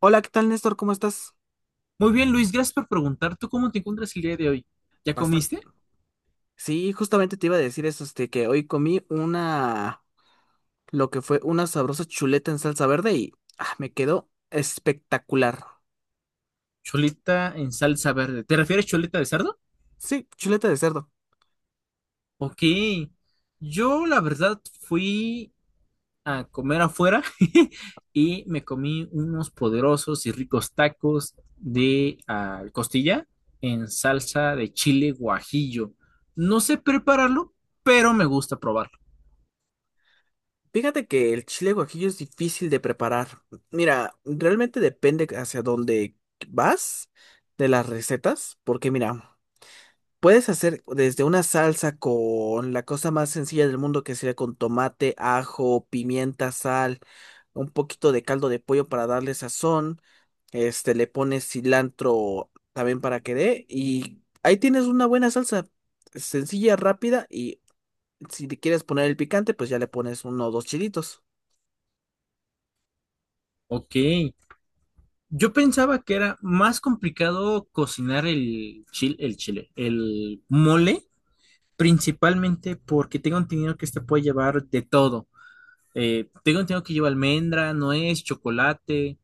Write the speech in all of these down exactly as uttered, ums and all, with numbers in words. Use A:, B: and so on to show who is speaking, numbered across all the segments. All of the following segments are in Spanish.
A: Hola, ¿qué tal, Néstor? ¿Cómo estás?
B: Muy bien, Luis, gracias por preguntar. ¿Tú cómo te encuentras el día de hoy? ¿Ya comiste?
A: Bastante. Sí, justamente te iba a decir eso, este, que hoy comí una, lo que fue una sabrosa chuleta en salsa verde y ah, me quedó espectacular.
B: Choleta en salsa verde. ¿Te refieres choleta de cerdo?
A: Sí, chuleta de cerdo.
B: Ok. Yo, la verdad, fui a comer afuera y me comí unos poderosos y ricos tacos de ah, costilla en salsa de chile guajillo. No sé prepararlo, pero me gusta probarlo.
A: Fíjate que el chile guajillo es difícil de preparar. Mira, realmente depende hacia dónde vas de las recetas, porque mira, puedes hacer desde una salsa con la cosa más sencilla del mundo, que sería con tomate, ajo, pimienta, sal, un poquito de caldo de pollo para darle sazón. Este, le pones cilantro también para que dé. Y ahí tienes una buena salsa sencilla, rápida. Y si le quieres poner el picante, pues ya le pones uno o dos chilitos.
B: Ok. Yo pensaba que era más complicado cocinar el chile, el chile, el mole. Principalmente porque tengo entendido que este puede llevar de todo. Eh, tengo entendido que lleva almendra, nuez, chocolate.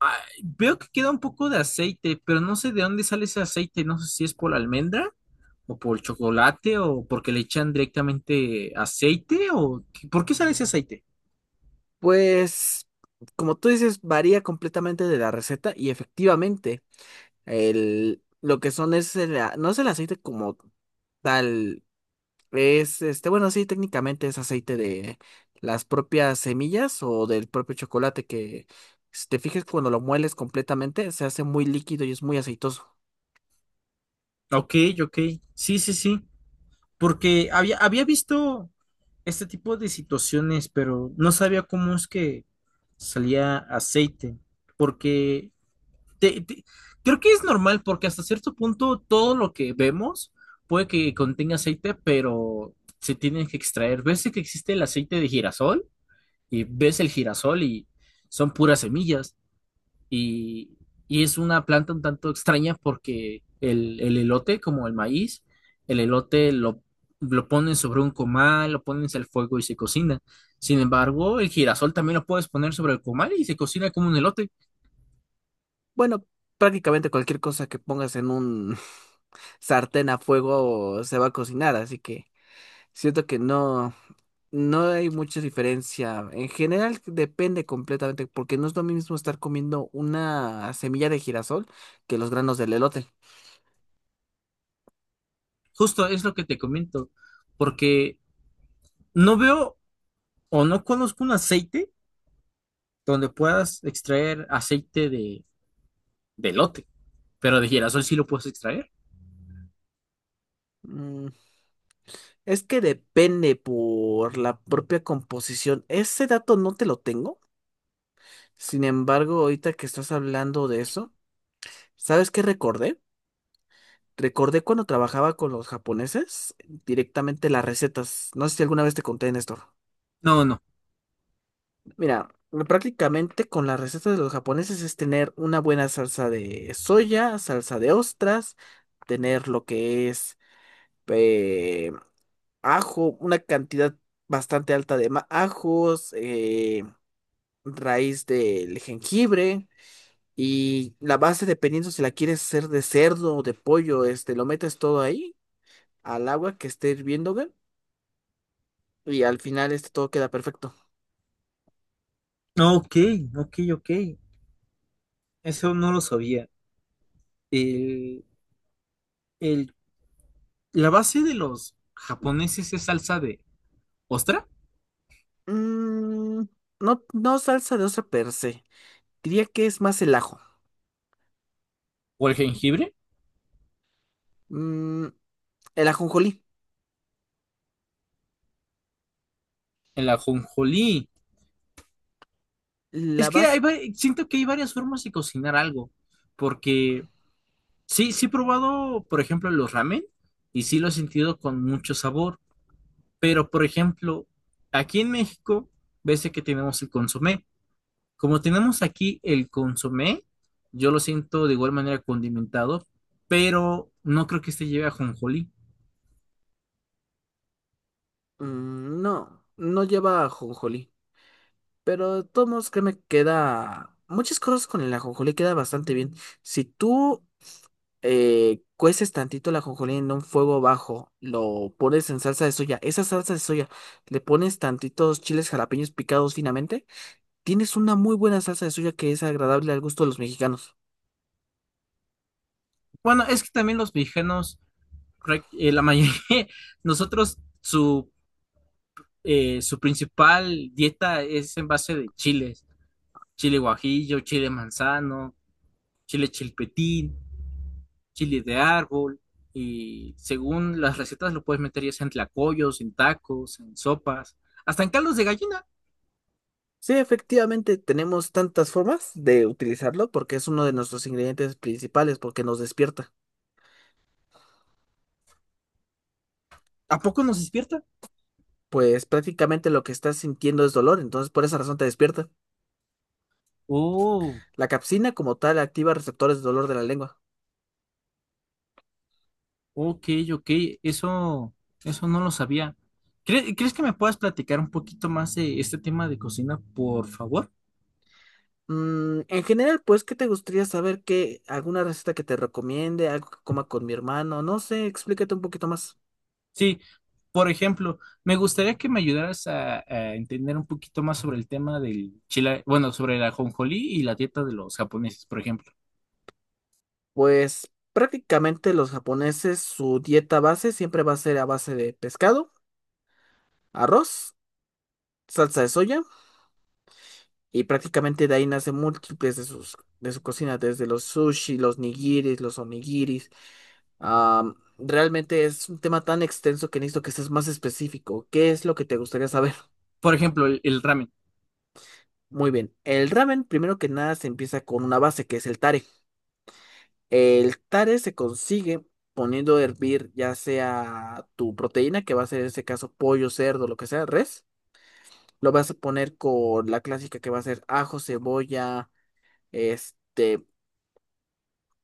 B: Ah, veo que queda un poco de aceite, pero no sé de dónde sale ese aceite. No sé si es por la almendra o por el chocolate o porque le echan directamente aceite o qué- por qué sale ese aceite.
A: Pues, como tú dices, varía completamente de la receta y efectivamente. El, lo que son es el, a- no es el aceite como tal, es este, bueno, sí, técnicamente es aceite de las propias semillas o del propio chocolate que, si te fijas, cuando lo mueles completamente, se hace muy líquido y es muy aceitoso.
B: Ok, ok. Sí, sí, sí. Porque había, había visto este tipo de situaciones, pero no sabía cómo es que salía aceite. Porque te, te- creo que es normal porque hasta cierto punto todo lo que vemos puede que contenga aceite, pero se tienen que extraer. Ves que existe el aceite de girasol y ves el girasol y son puras semillas y, y es una planta un tanto extraña porque el, el elote, como el maíz, el elote lo, lo ponen sobre un comal, lo pones al fuego y se cocina. Sin embargo, el girasol también lo puedes poner sobre el comal y se cocina como un elote.
A: Bueno, prácticamente cualquier cosa que pongas en un sartén a fuego se va a cocinar, así que siento que no. No hay mucha diferencia. En general depende completamente, porque no es lo mismo estar comiendo una semilla de girasol que los granos del elote.
B: Justo es lo que te comento, porque no veo o no conozco un aceite donde puedas extraer aceite de, de elote, pero de girasol sí lo puedes extraer.
A: Mm, es que depende por la propia composición. Ese dato no te lo tengo. Sin embargo, ahorita que estás hablando de eso, ¿sabes qué recordé? Recordé cuando trabajaba con los japoneses directamente las recetas. No sé si alguna vez te conté, Néstor.
B: No, no.
A: Mira, prácticamente con las recetas de los japoneses es tener una buena salsa de soya, salsa de ostras, tener lo que es eh, ajo, una cantidad bastante alta de ma- ajos, eh, raíz del jengibre y la base, dependiendo si la quieres hacer de cerdo o de pollo, este, lo metes todo ahí al agua que esté hirviendo, güey, y al final este todo queda perfecto.
B: Ok, ok, ok. Eso no lo sabía. El, el- la base de los japoneses es salsa de ostra
A: Mm, no, no salsa de ostra per se. Diría que es más el ajo.
B: o el jengibre,
A: Mm, el ajonjolí.
B: el ajonjolí.
A: ¿La
B: Es que hay,
A: vas?
B: va- siento que hay varias formas de cocinar algo, porque sí, sí he probado, por ejemplo, los ramen y sí lo he sentido con mucho sabor, pero por ejemplo, aquí en México, ves que tenemos el consomé. Como tenemos aquí el consomé, yo lo siento de igual manera condimentado, pero no creo que este lleve ajonjolí.
A: Mm, no, no lleva ajonjolí. Pero de todos modos, créeme, queda... Muchas cosas con el ajonjolí queda bastante bien. Si tú eh, cueces tantito el ajonjolí en un fuego bajo, lo pones en salsa de soya. Esa salsa de soya, le pones tantitos chiles jalapeños picados finamente. Tienes una muy buena salsa de soya que es agradable al gusto de los mexicanos.
B: Bueno, es que también los mexicanos, prac- eh, la mayoría, nosotros su, eh, su principal dieta es en base de chiles, chile guajillo, chile manzano, chile chilpetín, chiles de árbol, y según las recetas lo puedes meter ya sea en tlacoyos, en tacos, en sopas, hasta en caldos de gallina.
A: Sí, efectivamente, tenemos tantas formas de utilizarlo porque es uno de nuestros ingredientes principales, porque nos despierta.
B: ¿A poco nos despierta?
A: Pues prácticamente lo que estás sintiendo es dolor, entonces por esa razón te despierta.
B: Oh,
A: La capsina como tal activa receptores de dolor de la lengua.
B: ok, ok, eso, eso no lo sabía. ¿Cre- ¿Crees que me puedas platicar un poquito más de este tema de cocina, por favor?
A: Mm, en general, pues, ¿qué te gustaría saber? ¿Qué, alguna receta que te recomiende? ¿Algo que coma con mi hermano? No sé, explícate un poquito más.
B: Sí, por ejemplo, me gustaría que me ayudaras a, a entender un poquito más sobre el tema del chile, bueno, sobre la ajonjolí y la dieta de los japoneses, por ejemplo.
A: Pues prácticamente los japoneses, su dieta base siempre va a ser a base de pescado, arroz, salsa de soya. Y prácticamente de ahí nace múltiples de sus, de su cocina, desde los sushi, los nigiris, los onigiris. Am, realmente es un tema tan extenso que necesito que seas más específico. ¿Qué es lo que te gustaría saber?
B: Por ejemplo, el, el ramen.
A: Muy bien. El ramen, primero que nada, se empieza con una base que es el tare. El tare se consigue poniendo a hervir ya sea tu proteína, que va a ser en este caso pollo, cerdo, lo que sea, res. Lo vas a poner con la clásica que va a ser ajo, cebolla, este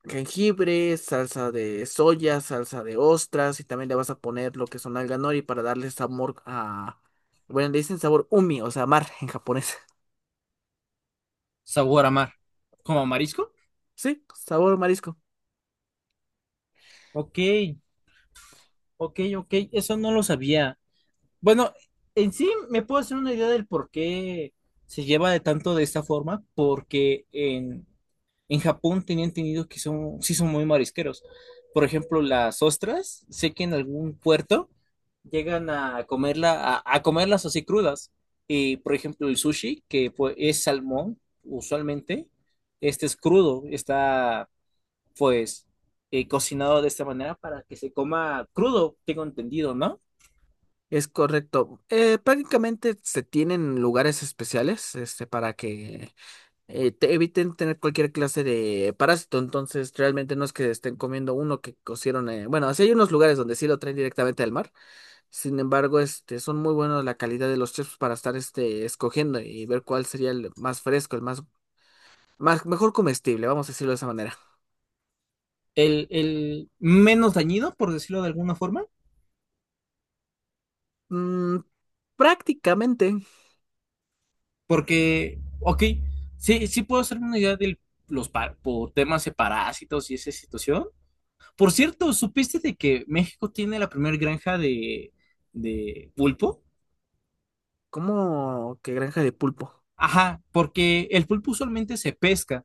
A: jengibre, salsa de soya, salsa de ostras y también le vas a poner lo que son alga nori para darle sabor a... Bueno, le dicen sabor umi, o sea, mar en japonés.
B: Sabor a mar. ¿Como marisco?
A: Sí, sabor marisco.
B: Ok, ok, ok, eso no lo sabía. Bueno, en sí me puedo hacer una idea del por qué se lleva de tanto de esta forma, porque en, en Japón tenían entendido que son, sí son muy marisqueros. Por ejemplo, las ostras, sé que en algún puerto llegan a comerla, a, a comerlas así crudas. Y por ejemplo, el sushi, que pues, es salmón, usualmente, este es crudo, está pues eh, cocinado de esta manera para que se coma crudo, tengo entendido, ¿no?
A: Es correcto. Eh, prácticamente se tienen lugares especiales este, para que eh, te eviten tener cualquier clase de parásito. Entonces, realmente no es que estén comiendo uno que cocieron. eh, Bueno, así hay unos lugares donde sí lo traen directamente del mar. Sin embargo, este, son muy buenos la calidad de los chips para estar este, escogiendo y ver cuál sería el más fresco, el más, más mejor comestible, vamos a decirlo de esa manera.
B: El, el menos dañino, por decirlo de alguna forma,
A: Mm, Prácticamente
B: porque, ok, sí, sí puedo hacerme una idea de los pa- por temas de parásitos y esa situación. Por cierto, ¿supiste de que México tiene la primera granja de, de pulpo?
A: como que granja de pulpo.
B: Ajá, porque el pulpo usualmente se pesca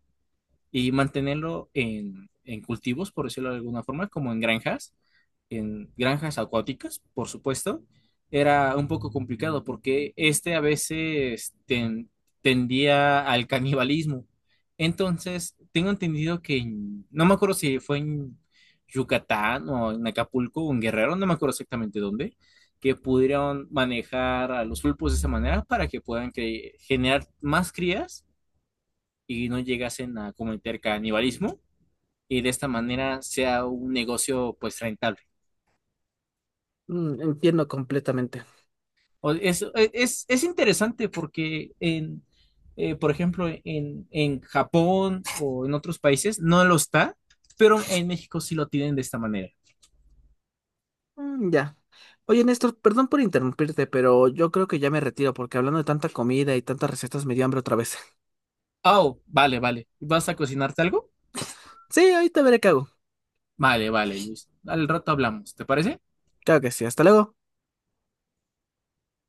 B: y mantenerlo en, en cultivos, por decirlo de alguna forma, como en granjas, en granjas acuáticas, por supuesto, era un poco complicado porque este a veces ten- tendía al canibalismo. Entonces, tengo entendido que, en- no me acuerdo si fue en Yucatán o en Acapulco o en Guerrero, no me acuerdo exactamente dónde, que pudieron manejar a los pulpos de esa manera para que puedan cre- generar más crías y no llegasen a cometer canibalismo y de esta manera sea un negocio pues rentable.
A: Mm, entiendo completamente.
B: O- Es, e, es, es interesante porque en, eh, por ejemplo, en, en Japón o en otros países no lo está, pero en México sí lo tienen de esta manera.
A: Mm, ya. Oye, Néstor, perdón por interrumpirte, pero yo creo que ya me retiro porque hablando de tanta comida y tantas recetas me dio hambre otra vez.
B: Oh, vale, vale. ¿Vas a cocinarte algo?
A: Sí, ahorita veré qué hago.
B: Vale, vale, Luis. Al rato hablamos, ¿te parece?
A: Claro que sí, hasta luego.